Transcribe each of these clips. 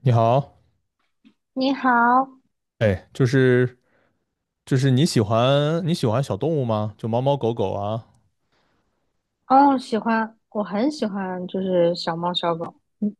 你好。你好。哎，就是你喜欢小动物吗？就猫猫狗狗啊？哦，喜欢，我很喜欢，就是小猫小狗。嗯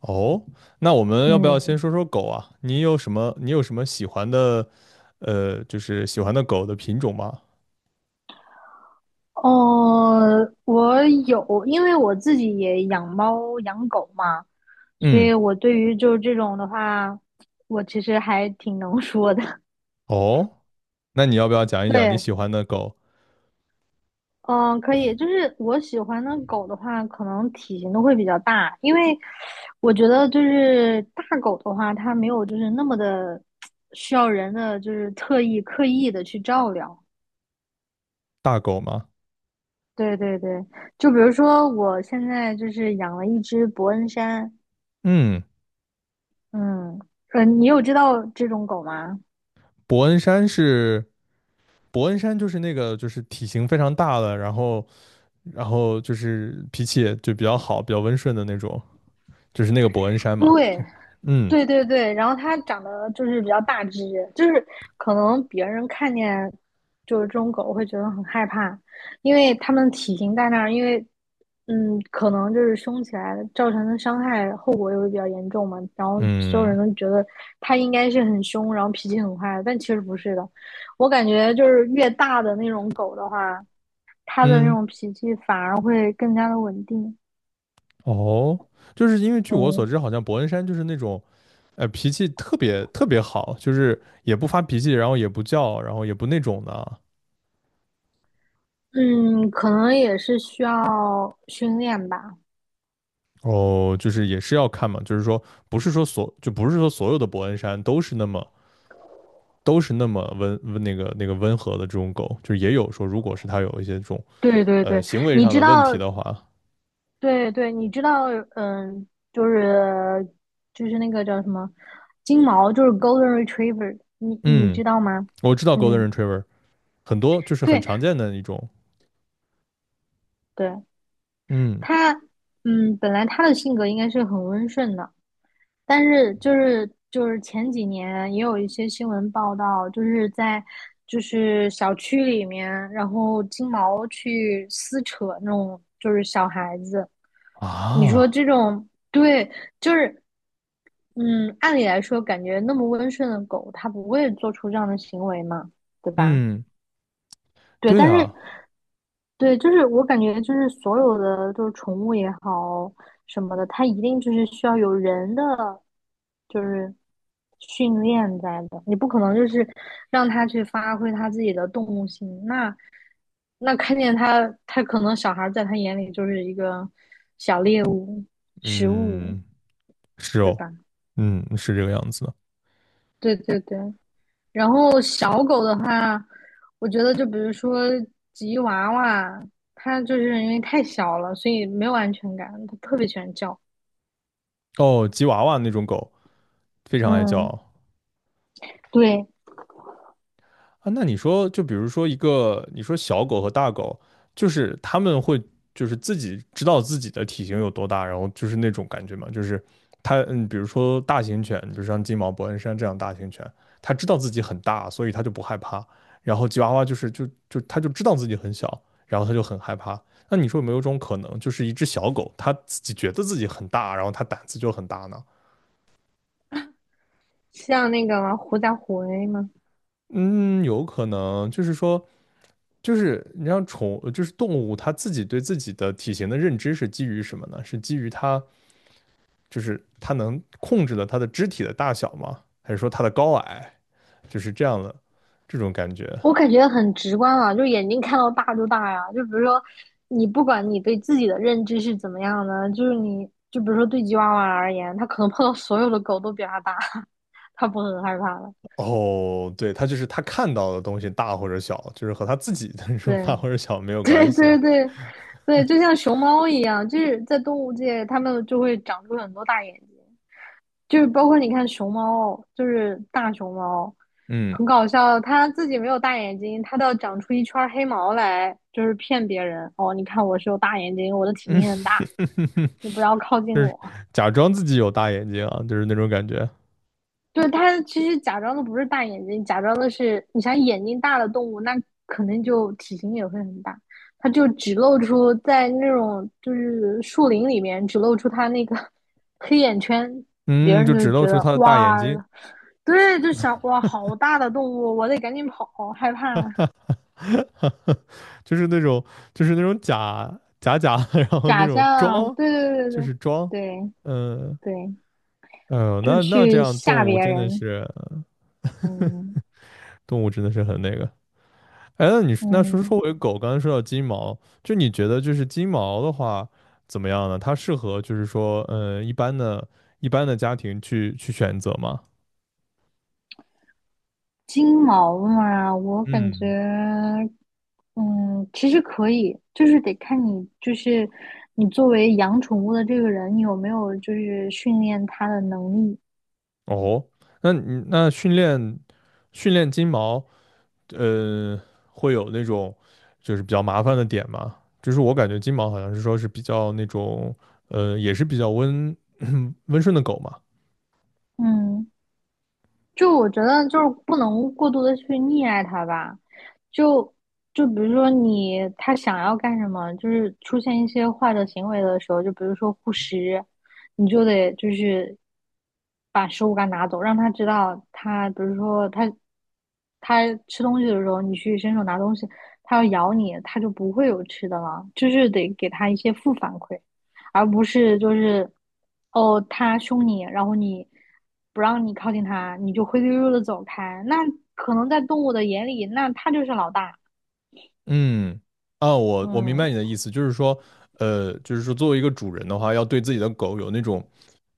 哦，那我们要不要先嗯。说说狗啊？你有什么喜欢的，就是喜欢的狗的品种吗？哦，我有，因为我自己也养猫养狗嘛，所嗯。以我对于就是这种的话，我其实还挺能说的。哦，那你要不要讲 一讲你对。喜欢的狗。嗯，可以，就是我喜欢的狗的话，可能体型都会比较大，因为我觉得就是大狗的话，它没有就是那么的需要人的就是特意刻意的去照料。大狗吗？对对对，就比如说我现在就是养了一只伯恩山。嗯，嗯。你有知道这种狗吗？伯恩山是伯恩山，就是那个就是体型非常大的，然后就是脾气也就比较好，比较温顺的那种，就是那个伯恩山嘛，就对。是嗯。对对对，然后它长得就是比较大只，就是可能别人看见就是这种狗会觉得很害怕，因为它们体型在那儿。因为可能就是凶起来造成的伤害后果也会比较严重嘛，然后所有嗯人都觉得它应该是很凶，然后脾气很坏，但其实不是的。我感觉就是越大的那种狗的话，它的那嗯。种脾气反而会更加的稳定。哦，就是因为据我所嗯知，好像伯恩山就是那种脾气特别好，就是也不发脾气，然后也不叫，然后也不那种的啊。嗯。可能也是需要训练吧。哦，就是也是要看嘛，就是说不是说所就不是说所有的伯恩山都是那么温温温和的这种狗，就是也有说如果是它有一些这种对对对，行为你上知的问道。题的话。对对，你知道。嗯，就是那个叫什么金毛，就是 Golden Retriever，你嗯，知道吗？我知道 Golden 嗯。Retriever 很多就是很对常见的一种。对。嗯。它，嗯，本来它的性格应该是很温顺的，但是就是前几年也有一些新闻报道，就是在小区里面，然后金毛去撕扯那种就是小孩子。你说啊，这种，对，就是嗯，按理来说，感觉那么温顺的狗，它不会做出这样的行为嘛，对吧？嗯，对，对但是啊。对，就是我感觉就是所有的就是宠物也好什么的，它一定就是需要有人的就是训练在的，你不可能就是让它去发挥它自己的动物性。那看见它，它可能小孩儿在他眼里就是一个小猎物、食物，嗯，是对哦。吧？嗯，是这个样子的。对对对。然后小狗的话，我觉得就比如说吉娃娃，它就是因为太小了，所以没有安全感，它特别喜欢叫。哦，吉娃娃那种狗非常爱嗯，叫。对。啊，那你说，就比如说一个，你说小狗和大狗，就是它们会就是自己知道自己的体型有多大，然后就是那种感觉嘛，就是它，嗯，比如说大型犬，比如像金毛、伯恩山这样大型犬，它知道自己很大，所以它就不害怕。然后吉娃娃就是它就知道自己很小，然后它就很害怕。那你说有没有一种可能，就是一只小狗，它自己觉得自己很大，然后它胆子就很大呢？像那个狐假虎威嘛。嗯，有可能，就是说。就是你像宠，就是动物，它自己对自己的体型的认知是基于什么呢？是基于它就是它能控制了它的肢体的大小吗？还是说它的高矮？就是这样的这种感觉。我感觉很直观啊，就眼睛看到大就大呀。就比如说，你不管你对自己的认知是怎么样的，就是你就比如说对吉娃娃而言，它可能碰到所有的狗都比它大，它不会很害怕了。哦，对，它就是它看到的东西大或者小，就是和它自己的那对。种大或者小没 有关对系对啊。对对。就像熊猫一样，就是在动物界，它们就会长出很多大眼睛，就是包括你看熊猫，就是大熊猫，嗯很搞笑，它自己没有大眼睛，它要长出一圈黑毛来，就是骗别人。哦，你看我是有大眼睛，我的体嗯。型很大，你不要靠近我。假装自己有大眼睛啊，就是那种感觉。对，它其实假装的不是大眼睛，假装的是你想眼睛大的动物，那可能就体型也会很大。它就只露出在那种就是树林里面，只露出它那个黑眼圈。别嗯，人就就只露觉出得它的大眼哇，睛。对，就想哇，好大的动物，我得赶紧跑，害怕。就是那种假的然后那假种象，装，对对对就对是装。对嗯。对对，哎呦，就那这去样吓动物别真的人。是。嗯动物真的是很那个。哎，那说嗯。说回狗，刚才说到金毛，就你觉得就是金毛的话怎么样呢？它适合就是说，一般的家庭去选择吗？金毛嘛，我感觉，嗯。嗯，其实可以，就是得看你，就是你作为养宠物的这个人，你有没有就是训练它的能力。哦，那你那训练训练金毛。呃，会有那种就是比较麻烦的点嘛，就是我感觉金毛好像是说是比较那种，也是比较温顺的狗嘛。嗯。就我觉得就是不能过度的去溺爱他吧，就比如说你他想要干什么，就是出现一些坏的行为的时候，就比如说护食，你就得就是把食物给他拿走，让他知道他，比如说他吃东西的时候，你去伸手拿东西，他要咬你，他就不会有吃的了，就是得给他一些负反馈。而不是就是哦他凶你，然后你不让你靠近他，你就灰溜溜的走开。那可能在动物的眼里，那他就是老大。嗯。啊，我明白嗯。你的意思，就是说，就是说作为一个主人的话，要对自己的狗有那种，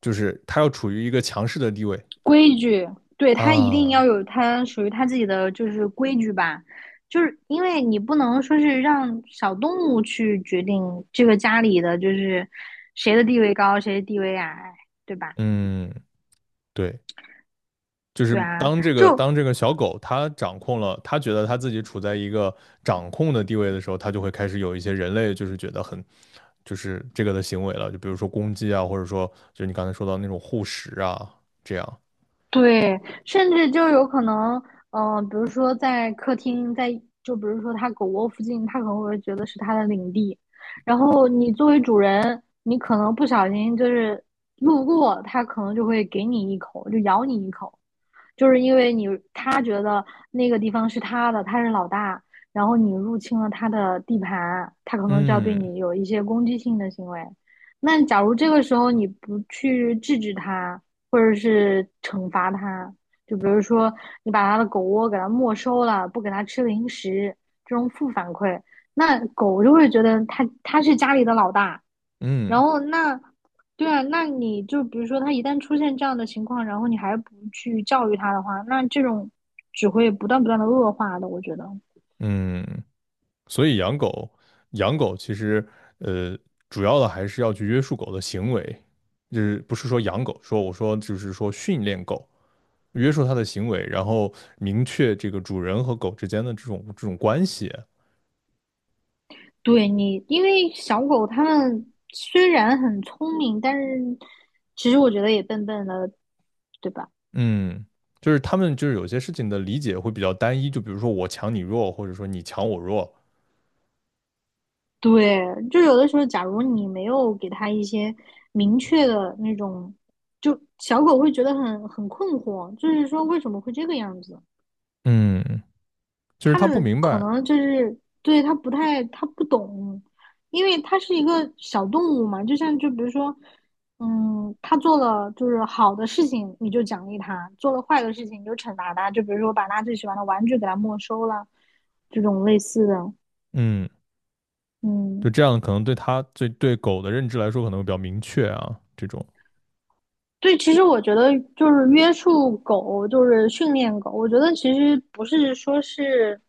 就是它要处于一个强势的地位规矩。对，他一定要啊。有他属于他自己的就是规矩吧。就是因为你不能说是让小动物去决定这个家里的就是谁的地位高，谁的地位矮，对吧？嗯，对。就是对啊，当这个就小狗它掌控了，它觉得它自己处在一个掌控的地位的时候，它就会开始有一些人类就是觉得很，就是这个的行为了，就比如说攻击啊，或者说就你刚才说到那种护食啊，这样。对。甚至就有可能，比如说在客厅，在就比如说它狗窝附近，它可能会觉得是它的领地，然后你作为主人，你可能不小心就是路过，它可能就会给你一口，就咬你一口。就是因为他觉得那个地方是他的，他是老大，然后你入侵了他的地盘，他可能就要对嗯你有一些攻击性的行为。那假如这个时候你不去制止他，或者是惩罚他，就比如说你把他的狗窝给他没收了，不给他吃零食，这种负反馈，那狗就会觉得他是家里的老大。然嗯后那，对啊，那你就比如说他一旦出现这样的情况，然后你还不去教育他的话，那这种只会不断的恶化的，我觉得。嗯。所以养狗其实呃主要的还是要去约束狗的行为，就是不是说养狗，说我说就是说训练狗。约束它的行为，然后明确这个主人和狗之间的这种关系。对你，因为小狗它们虽然很聪明，但是其实我觉得也笨笨的，对吧？嗯，就是他们就是有些事情的理解会比较单一，就比如说我强你弱，或者说你强我弱。对，就有的时候，假如你没有给它一些明确的那种，就小狗会觉得很困惑，就是说为什么会这个样子？嗯，就是他他不们明可白。能就是对他不太不懂，因为他是一个小动物嘛，就像就比如说，嗯，他做了就是好的事情你就奖励他，做了坏的事情你就惩罚他，就比如说把他最喜欢的玩具给他没收了，这种类似的。嗯，就嗯。这样可能对他对狗的认知来说可能会比较明确啊，这种。对，其实我觉得就是约束狗，就是训练狗。我觉得其实不是说是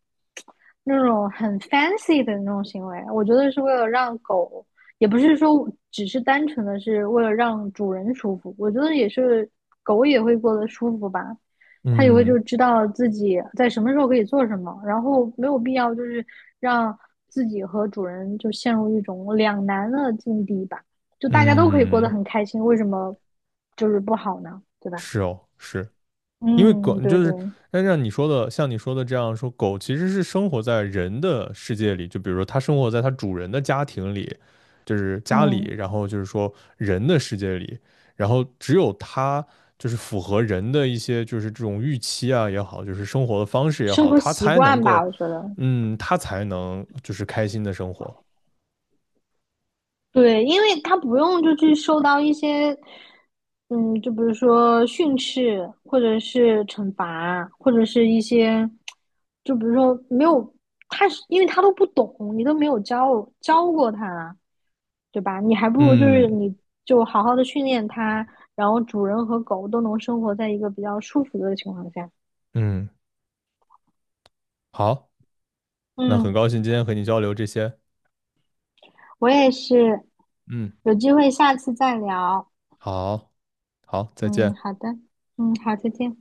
那种很 fancy 的那种行为，我觉得是为了让狗，也不是说只是单纯的是为了让主人舒服。我觉得也是狗也会过得舒服吧。它也会嗯就知道自己在什么时候可以做什么，然后没有必要就是让自己和主人就陷入一种两难的境地吧。就大家都可以过得嗯，很开心，为什么就是不好呢？对吧？是哦，是。因为狗嗯，对就对。是，但像你说的，这样说，狗其实是生活在人的世界里，就比如说它生活在它主人的家庭里，就是家里，嗯，然后就是说人的世界里，然后只有它就是符合人的一些就是这种预期啊也好，就是生活的方式也生好，活它习才能惯吧，够，我觉得。嗯，它才能就是开心的生活。对，因为他不用就去受到一些，嗯，就比如说训斥，或者是惩罚，或者是一些，就比如说没有他是，因为他都不懂，你都没有教过他，对吧？你还不如就嗯是你就好好的训练他，然后主人和狗都能生活在一个比较舒服的情况下。嗯，好，那嗯。很高兴今天和你交流这些。我也是，嗯，有机会下次再聊。好，好，再嗯，见。好的，嗯，好，再见。